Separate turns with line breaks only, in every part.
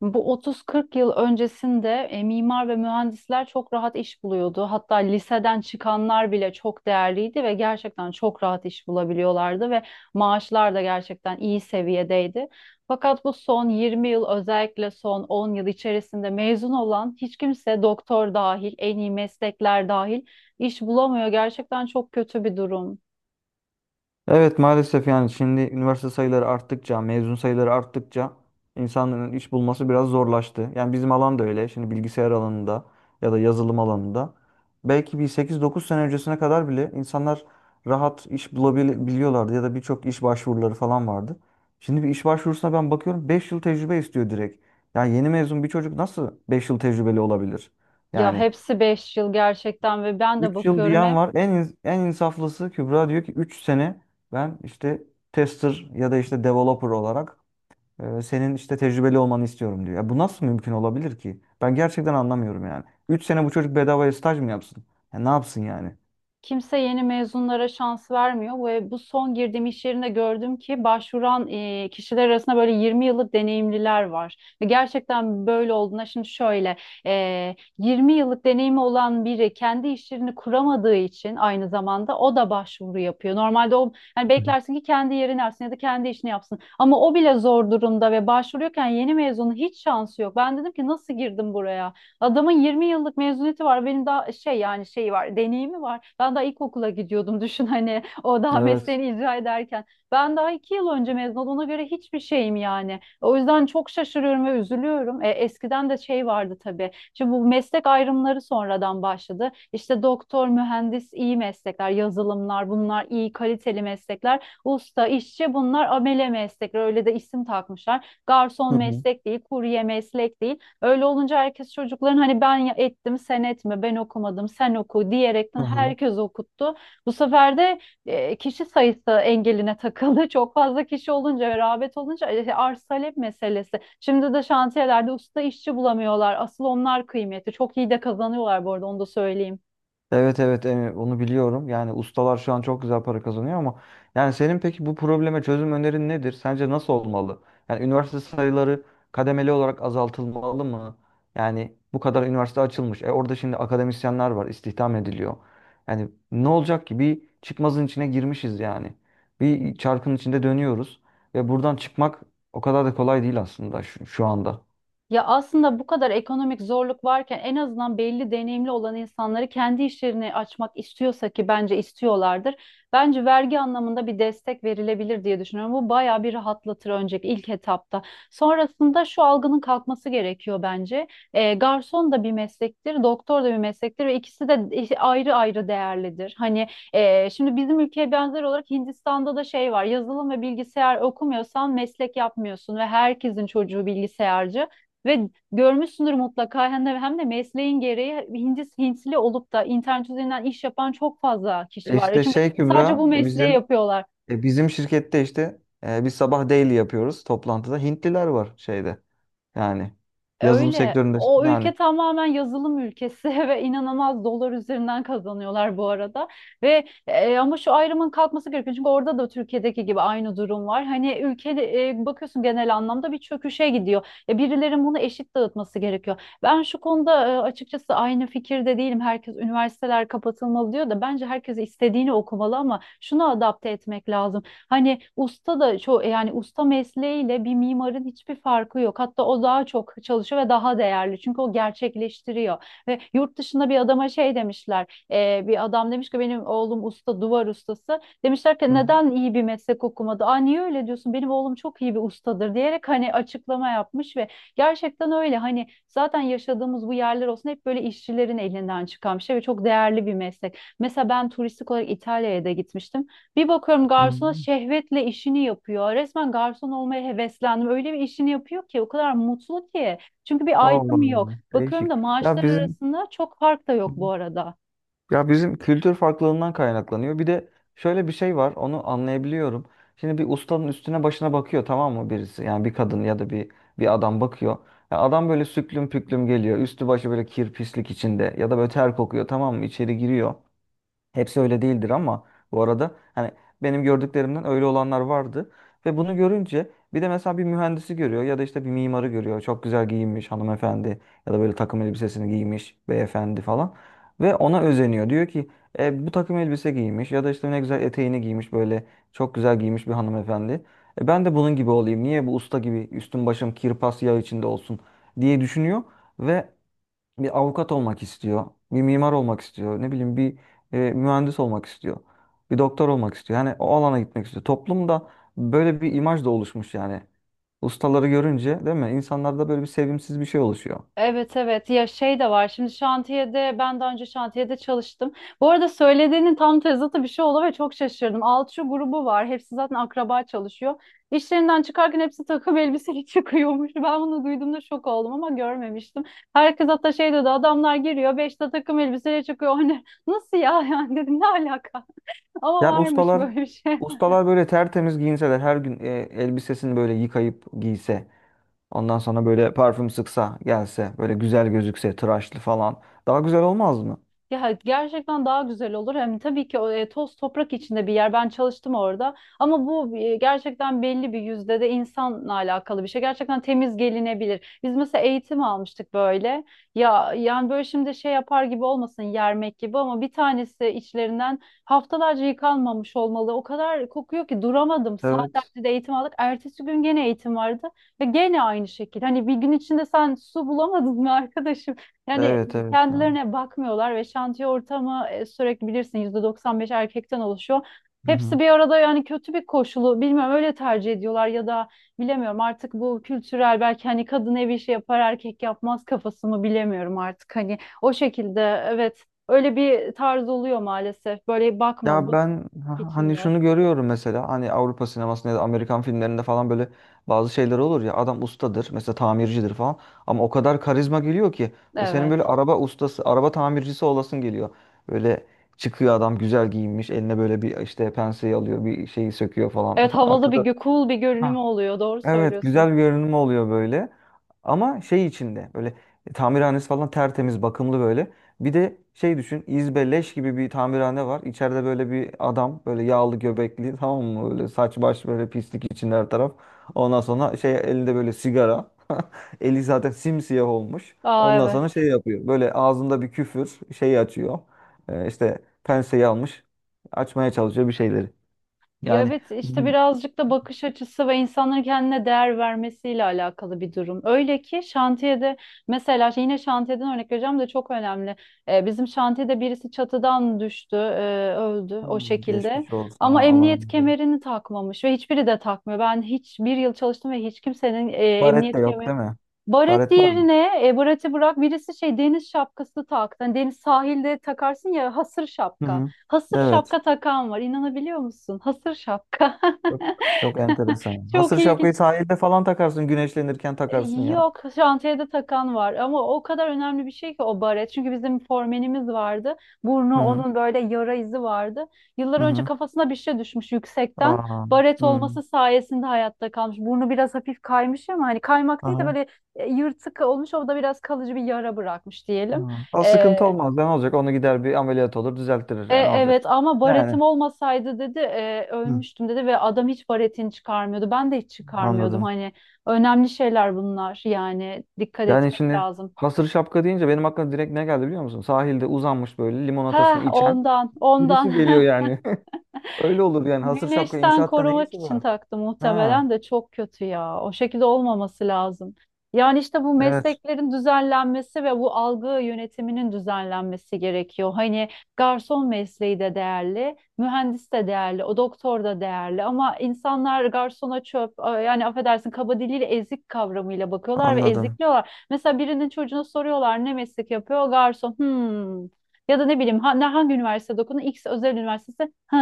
Bu 30-40 yıl öncesinde mimar ve mühendisler çok rahat iş buluyordu. Hatta liseden çıkanlar bile çok değerliydi ve gerçekten çok rahat iş bulabiliyorlardı ve maaşlar da gerçekten iyi seviyedeydi. Fakat bu son 20 yıl özellikle son 10 yıl içerisinde mezun olan hiç kimse, doktor dahil, en iyi meslekler dahil, iş bulamıyor. Gerçekten çok kötü bir durum.
Evet maalesef yani şimdi üniversite sayıları arttıkça, mezun sayıları arttıkça insanların iş bulması biraz zorlaştı. Yani bizim alan da öyle. Şimdi bilgisayar alanında ya da yazılım alanında belki bir 8-9 sene öncesine kadar bile insanlar rahat iş bulabiliyorlardı ya da birçok iş başvuruları falan vardı. Şimdi bir iş başvurusuna ben bakıyorum, 5 yıl tecrübe istiyor direkt. Yani yeni mezun bir çocuk nasıl 5 yıl tecrübeli olabilir?
Ya
Yani,
hepsi 5 yıl gerçekten ve ben de
3 yıl
bakıyorum.
diyen var. En insaflısı Kübra diyor ki 3 sene ben işte tester ya da işte developer olarak, senin işte tecrübeli olmanı istiyorum diyor. Ya bu nasıl mümkün olabilir ki? Ben gerçekten anlamıyorum yani. 3 sene bu çocuk bedavaya staj mı yapsın? Ya ne yapsın yani?
Kimse yeni mezunlara şans vermiyor ve bu son girdiğim iş yerinde gördüm ki başvuran kişiler arasında böyle 20 yıllık deneyimliler var. Ve gerçekten böyle olduğuna şimdi şöyle, 20 yıllık deneyimi olan biri kendi iş yerini kuramadığı için aynı zamanda o da başvuru yapıyor. Normalde o, hani, beklersin ki kendi yerini alsın ya da kendi işini yapsın. Ama o bile zor durumda ve başvuruyorken yeni mezunun hiç şansı yok. Ben dedim ki nasıl girdim buraya? Adamın 20 yıllık mezuniyeti var. Benim daha şey, yani şey var, deneyimi var. Ben daha ilkokula gidiyordum, düşün, hani o daha
Evet.
mesleğini icra ederken. Ben daha 2 yıl önce mezun oldum. Ona göre hiçbir şeyim yani. O yüzden çok şaşırıyorum ve üzülüyorum. Eskiden de şey vardı tabii. Şimdi bu meslek ayrımları sonradan başladı. İşte doktor, mühendis iyi meslekler, yazılımlar, bunlar iyi kaliteli meslekler. Usta, işçi, bunlar amele meslekler. Öyle de isim takmışlar. Garson
Hı hı.
meslek değil, kurye meslek değil. Öyle olunca herkes çocukların, hani, ettim sen etme, ben okumadım sen oku diyerekten
Hı hı.
herkes okuttu. Bu sefer de kişi sayısı engeline takıldı. Çok fazla kişi olunca ve rağbet olunca arz talep meselesi. Şimdi de şantiyelerde usta işçi bulamıyorlar. Asıl onlar kıymeti. Çok iyi de kazanıyorlar bu arada, onu da söyleyeyim.
Evet, evet, onu biliyorum. Yani ustalar şu an çok güzel para kazanıyor ama yani senin peki bu probleme çözüm önerin nedir? Sence nasıl olmalı? Yani üniversite sayıları kademeli olarak azaltılmalı mı? Yani bu kadar üniversite açılmış. Orada şimdi akademisyenler var, istihdam ediliyor. Yani ne olacak ki? Bir çıkmazın içine girmişiz yani. Bir çarkın içinde dönüyoruz ve buradan çıkmak o kadar da kolay değil aslında şu anda.
Ya aslında bu kadar ekonomik zorluk varken en azından belli deneyimli olan insanları, kendi işlerini açmak istiyorsa ki bence istiyorlardır, bence vergi anlamında bir destek verilebilir diye düşünüyorum. Bu bayağı bir rahatlatır önceki ilk etapta. Sonrasında şu algının kalkması gerekiyor bence. Garson da bir meslektir, doktor da bir meslektir ve ikisi de ayrı ayrı değerlidir. Hani, şimdi bizim ülkeye benzer olarak Hindistan'da da şey var. Yazılım ve bilgisayar okumuyorsan meslek yapmıyorsun ve herkesin çocuğu bilgisayarcı. Ve görmüşsündür mutlaka, hem de mesleğin gereği Hintli, Hintli olup da internet üzerinden iş yapan çok fazla kişi
E
var.
İşte
Çünkü
şey
sadece bu
Kübra,
mesleği yapıyorlar.
Bizim şirkette işte biz sabah daily yapıyoruz toplantıda. Hintliler var şeyde, yani yazılım
Öyle.
sektöründe
O
yani.
ülke tamamen yazılım ülkesi ve inanılmaz dolar üzerinden kazanıyorlar bu arada. Ve ama şu ayrımın kalkması gerekiyor. Çünkü orada da Türkiye'deki gibi aynı durum var. Hani ülke, bakıyorsun genel anlamda bir çöküşe gidiyor. Birilerin bunu eşit dağıtması gerekiyor. Ben şu konuda açıkçası aynı fikirde değilim. Herkes üniversiteler kapatılmalı diyor da bence herkes istediğini okumalı ama şunu adapte etmek lazım. Hani usta da çok, yani usta mesleğiyle bir mimarın hiçbir farkı yok. Hatta o daha çok çalışıyor ve daha değerli. Çünkü o gerçekleştiriyor. Ve yurt dışında bir adama şey demişler. Bir adam demiş ki benim oğlum usta, duvar ustası. Demişler ki
Hı
neden iyi bir meslek okumadı? Aa, niye öyle diyorsun? Benim oğlum çok iyi bir ustadır diyerek hani açıklama yapmış. Ve gerçekten öyle, hani zaten yaşadığımız bu yerler olsun hep böyle işçilerin elinden çıkan bir şey ve çok değerli bir meslek. Mesela ben turistik olarak İtalya'ya da gitmiştim. Bir bakıyorum,
hı. Hı.
garsona şehvetle işini yapıyor. Resmen garson olmaya heveslendim. Öyle bir işini yapıyor ki, o kadar mutlu ki. Çünkü bir
Allah Allah.
ayrım yok. Bakıyorum
Değişik.
da
Ya
maaşlar
bizim
arasında çok fark da yok bu arada.
ya bizim kültür farklılığından kaynaklanıyor. Bir de şöyle bir şey var, onu anlayabiliyorum. Şimdi bir ustanın üstüne başına bakıyor tamam mı birisi? Yani bir kadın ya da bir adam bakıyor. Ya adam böyle süklüm püklüm geliyor. Üstü başı böyle kir pislik içinde ya da böyle ter kokuyor tamam mı? İçeri giriyor. Hepsi öyle değildir ama bu arada hani benim gördüklerimden öyle olanlar vardı. Ve bunu görünce bir de mesela bir mühendisi görüyor ya da işte bir mimarı görüyor. Çok güzel giyinmiş hanımefendi ya da böyle takım elbisesini giymiş beyefendi falan. Ve ona özeniyor. Diyor ki, bu takım elbise giymiş ya da işte ne güzel eteğini giymiş, böyle çok güzel giymiş bir hanımefendi. Ben de bunun gibi olayım. Niye bu usta gibi üstüm başım kirpas yağ içinde olsun diye düşünüyor. Ve bir avukat olmak istiyor, bir mimar olmak istiyor, ne bileyim bir mühendis olmak istiyor, bir doktor olmak istiyor. Yani o alana gitmek istiyor. Toplumda böyle bir imaj da oluşmuş yani. Ustaları görünce değil mi? İnsanlarda böyle bir sevimsiz bir şey oluşuyor.
Evet, evet, ya şey de var, şimdi şantiyede. Ben daha önce şantiyede çalıştım. Bu arada söylediğinin tam tezatı bir şey oldu ve çok şaşırdım. Alçı grubu var, hepsi zaten akraba çalışıyor. İşlerinden çıkarken hepsi takım elbiseli çıkıyormuş. Ben bunu duyduğumda şok oldum ama görmemiştim. Herkes hatta şey dedi, adamlar giriyor 5'te takım elbiseyle çıkıyor. Hani nasıl ya? Yani dedim ne alaka? Ama
Yani
varmış
ustalar,
böyle bir şey.
ustalar böyle tertemiz giyinseler, her gün elbisesini böyle yıkayıp giyse, ondan sonra böyle parfüm sıksa, gelse, böyle güzel gözükse, tıraşlı falan, daha güzel olmaz mı?
Ya gerçekten daha güzel olur. Hem tabii ki o toz toprak içinde bir yer. Ben çalıştım orada. Ama bu gerçekten belli bir yüzde de insanla alakalı bir şey. Gerçekten temiz gelinebilir. Biz mesela eğitim almıştık böyle. Ya yani, böyle şimdi şey yapar gibi olmasın, yermek gibi, ama bir tanesi içlerinden haftalarca yıkanmamış olmalı. O kadar kokuyor ki duramadım.
Evet.
Saatlerce de eğitim aldık. Ertesi gün gene eğitim vardı ve gene aynı şekilde. Hani, bir gün içinde sen su bulamadın mı arkadaşım? Yani
Evet, evet ya.
kendilerine bakmıyorlar ve şantiye ortamı, sürekli bilirsin, %95 erkekten oluşuyor.
Hı
Hepsi
hı.
bir arada, yani kötü bir koşulu bilmiyorum, öyle tercih ediyorlar ya da bilemiyorum artık, bu kültürel belki, hani kadın ev işi yapar erkek yapmaz kafası mı bilemiyorum artık, hani o şekilde evet, öyle bir tarz oluyor maalesef. Böyle bakma,
Ya
bu
ben, hani
içinde.
şunu görüyorum mesela, hani Avrupa sinemasında ya da Amerikan filmlerinde falan böyle bazı şeyler olur ya, adam ustadır mesela, tamircidir falan, ama o kadar karizma geliyor ki ve senin
Evet,
böyle araba ustası, araba tamircisi olasın geliyor. Böyle çıkıyor adam, güzel giyinmiş, eline böyle bir işte penseyi alıyor, bir şeyi söküyor falan
evet, havalı bir
arkada.
cool bir görünümü oluyor, doğru
Evet,
söylüyorsun.
güzel bir görünüm oluyor böyle. Ama şey içinde böyle, tamirhanesi falan tertemiz, bakımlı böyle. Bir de şey düşün, İzbe leş gibi bir tamirhane var. İçeride böyle bir adam, böyle yağlı göbekli tamam mı? Böyle saç baş böyle pislik içinde her taraf. Ondan sonra şey, elinde böyle sigara. Eli zaten simsiyah olmuş.
Aa,
Ondan
evet.
sonra şey yapıyor, böyle ağzında bir küfür, şey açıyor. İşte penseyi almış. Açmaya çalışıyor bir şeyleri.
Ya
Yani
evet, işte
bu.
birazcık da bakış açısı ve insanların kendine değer vermesiyle alakalı bir durum. Öyle ki şantiyede, mesela şey, yine şantiyeden örnek vereceğim de çok önemli. Bizim şantiyede birisi çatıdan düştü, öldü o
Hmm,
şekilde.
geçmiş olsun. Ha,
Ama
Allah razı
emniyet
olsun.
kemerini takmamış ve hiçbiri de takmıyor. Ben hiç bir yıl çalıştım ve hiç kimsenin
Baret de
emniyet
yok
kemerini,
değil mi?
baret,
Baret var mı?
diğerine, bareti bırak, birisi şey deniz şapkası taktı. Hani deniz sahilde takarsın ya, hasır
Hı
şapka.
hı.
Hasır
Evet.
şapka takan var. İnanabiliyor musun? Hasır şapka.
Çok çok enteresan.
Çok
Hasır
ilginç.
şapkayı sahilde falan takarsın. Güneşlenirken
E,
takarsın ya.
Yok, şantiyede takan var ama o kadar önemli bir şey ki o baret. Çünkü bizim formenimiz vardı.
Hı
Burnu
hı.
onun, böyle yara izi vardı. Yıllar
Hı
önce
hı.
kafasına bir şey düşmüş yüksekten.
Aa.
Baret
Hı.
olması sayesinde hayatta kalmış. Burnu biraz hafif kaymış ama hani kaymak değil de
Aha.
böyle yırtık olmuş. O da biraz kalıcı bir yara bırakmış
Hı.
diyelim.
O
E,
sıkıntı olmaz. Ne olacak? Onu gider bir ameliyat olur, düzelttirir. Yani ne olacak?
evet, ama baretim
Yani.
olmasaydı dedi,
Hı.
ölmüştüm dedi ve adam hiç baretini çıkarmıyordu. Ben de hiç çıkarmıyordum.
Anladım.
Hani önemli şeyler bunlar, yani dikkat
Yani
etmek
şimdi
lazım.
hasır şapka deyince benim aklıma direkt ne geldi biliyor musun? Sahilde uzanmış böyle limonatasını
Heh,
içen
ondan.
birisi geliyor yani. Öyle olur yani. Hasır şapka
Güneşten
inşaatta ne
korumak
işi
için
var?
taktı
Ha.
muhtemelen de çok kötü ya. O şekilde olmaması lazım. Yani işte bu
Evet.
mesleklerin düzenlenmesi ve bu algı yönetiminin düzenlenmesi gerekiyor. Hani garson mesleği de değerli, mühendis de değerli, o doktor da değerli ama insanlar garsona çöp, yani affedersin kaba diliyle ezik kavramıyla bakıyorlar ve
Anladım.
ezikliyorlar. Mesela birinin çocuğuna soruyorlar, ne meslek yapıyor? Garson. Hmm. Ya da ne bileyim, hangi üniversitede okudun? X özel üniversitesi. Hı.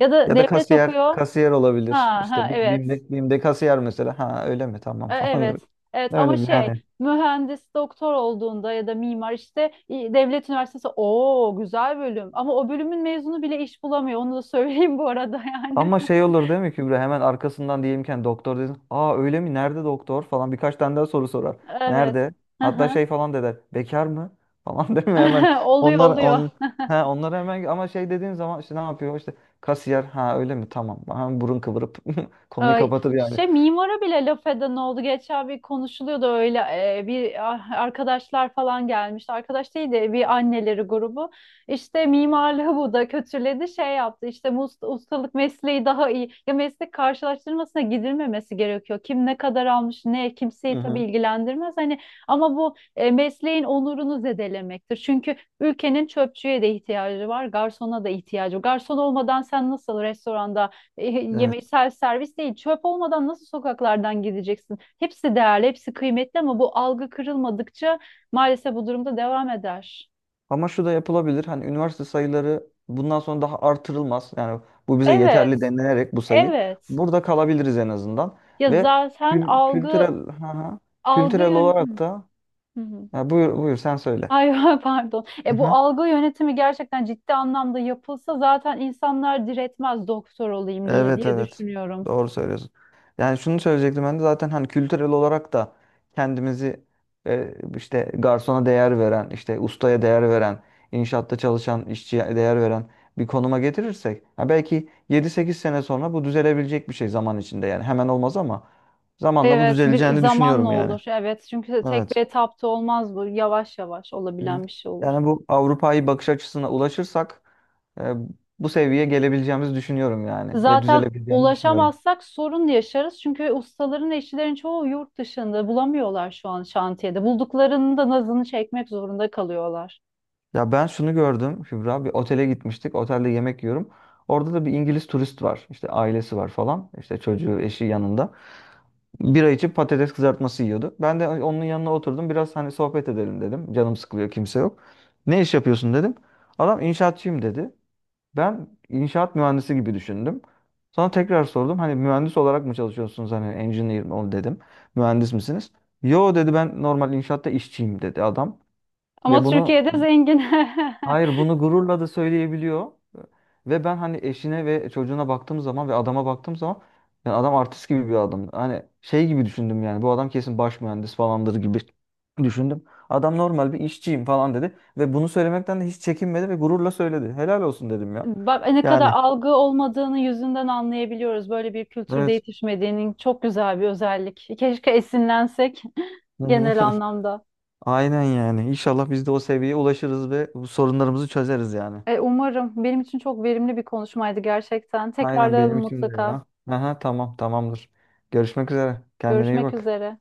Ya da
Ya da
devlet
kasiyer,
okuyor.
kasiyer olabilir.
Ha, ha,
İşte Bi-
evet.
BİM'de, BİM'de kasiyer mesela. Ha, öyle mi? Tamam
Evet.
falan.
Evet, ama
Öyle mi
şey,
yani?
mühendis doktor olduğunda ya da mimar işte devlet üniversitesi o güzel bölüm, ama o bölümün mezunu bile iş bulamıyor, onu da söyleyeyim bu arada yani.
Ama şey olur değil mi Kübra? Hemen arkasından diyelimken doktor dedin. Aa, öyle mi? Nerede doktor? Falan birkaç tane daha soru sorar.
Evet.
Nerede?
Hı
Hatta
hı.
şey falan da der. Bekar mı? Falan değil mi? Hemen
Oluyor,
onlar
oluyor.
on ha onlara hemen, ama şey dediğin zaman işte ne yapıyor? İşte kasiyer. Ha, öyle mi? Tamam. Hemen burun kıvırıp konuyu
Ay,
kapatır yani.
şey, mimara bile laf eden oldu. Geçen bir konuşuluyordu öyle, bir ah, arkadaşlar falan gelmişti. Arkadaş değil de bir anneleri grubu. İşte mimarlığı bu da kötüledi, şey yaptı. İşte bu ustalık mesleği daha iyi. Ya meslek karşılaştırmasına gidilmemesi gerekiyor. Kim ne kadar almış ne, kimseyi
Hı
tabii
hı.
ilgilendirmez. Hani ama bu mesleğin onurunu zedelemektir. Çünkü ülkenin çöpçüye de ihtiyacı var, garsona da ihtiyacı var. Garson olmadan sen nasıl restoranda
Evet.
yemeği servis, servis değil. Çöp olmadan nasıl sokaklardan gideceksin? Hepsi değerli, hepsi kıymetli, ama bu algı kırılmadıkça maalesef bu durumda devam eder.
Ama şu da yapılabilir. Hani üniversite sayıları bundan sonra daha artırılmaz. Yani bu bize yeterli
Evet,
denilerek bu sayı.
evet.
Burada kalabiliriz en azından.
Ya
Ve
zaten
kültürel, ha, ha.
algı
Kültürel
yön-
olarak da,
hı hı, hı.
ya, buyur buyur, sen söyle.
Ay, pardon. E bu algı yönetimi gerçekten ciddi anlamda yapılsa zaten insanlar diretmez doktor olayım diye,
Evet,
diye
evet.
düşünüyorum.
Doğru söylüyorsun. Yani şunu söyleyecektim ben de zaten, hani kültürel olarak da kendimizi işte garsona değer veren, işte ustaya değer veren, inşaatta çalışan işçiye değer veren bir konuma getirirsek, ha belki 7-8 sene sonra bu düzelebilecek bir şey zaman içinde, yani hemen olmaz ama zamanla bu
Evet, bir
düzeleceğini
zamanla
düşünüyorum yani.
olur. Evet, çünkü tek bir
Evet.
etapta olmaz bu. Yavaş yavaş
Hı hı.
olabilen bir şey olur.
Yani bu Avrupa'yı bakış açısına ulaşırsak, e, bu seviyeye gelebileceğimizi düşünüyorum yani, ve
Zaten
düzelebileceğini düşünüyorum.
ulaşamazsak sorun yaşarız. Çünkü ustaların, işçilerin çoğu yurt dışında bulamıyorlar şu an şantiyede. Bulduklarının da nazını çekmek zorunda kalıyorlar.
Ya ben şunu gördüm Kübra. Bir otele gitmiştik. Otelde yemek yiyorum. Orada da bir İngiliz turist var. İşte ailesi var falan. İşte çocuğu, eşi yanında. Bira içip patates kızartması yiyordu. Ben de onun yanına oturdum. Biraz hani sohbet edelim dedim. Canım sıkılıyor, kimse yok. Ne iş yapıyorsun dedim. Adam inşaatçıyım dedi. Ben inşaat mühendisi gibi düşündüm. Sonra tekrar sordum. Hani mühendis olarak mı çalışıyorsunuz? Hani engineer mi o dedim. Mühendis misiniz? Yo dedi, ben normal inşaatta işçiyim dedi adam.
Ama
Ve bunu.
Türkiye'de zengin.
Hayır, bunu gururla da söyleyebiliyor. Ve ben hani eşine ve çocuğuna baktığım zaman ve adama baktığım zaman, yani adam artist gibi bir adam. Hani şey gibi düşündüm yani, bu adam kesin baş mühendis falandır gibi düşündüm. Adam normal bir işçiyim falan dedi ve bunu söylemekten de hiç çekinmedi ve gururla söyledi. Helal olsun dedim ya.
Bak, ne kadar
Yani,
algı olmadığını yüzünden anlayabiliyoruz. Böyle bir kültürde
evet.
yetişmediğinin çok güzel bir özellik. Keşke esinlensek
Hı hı.
genel anlamda.
Aynen yani. İnşallah biz de o seviyeye ulaşırız ve bu sorunlarımızı çözeriz yani.
Umarım. Benim için çok verimli bir konuşmaydı gerçekten.
Aynen
Tekrarlayalım
benim için de
mutlaka.
ya. Aha, tamam tamamdır. Görüşmek üzere. Kendine iyi
Görüşmek
bak.
üzere.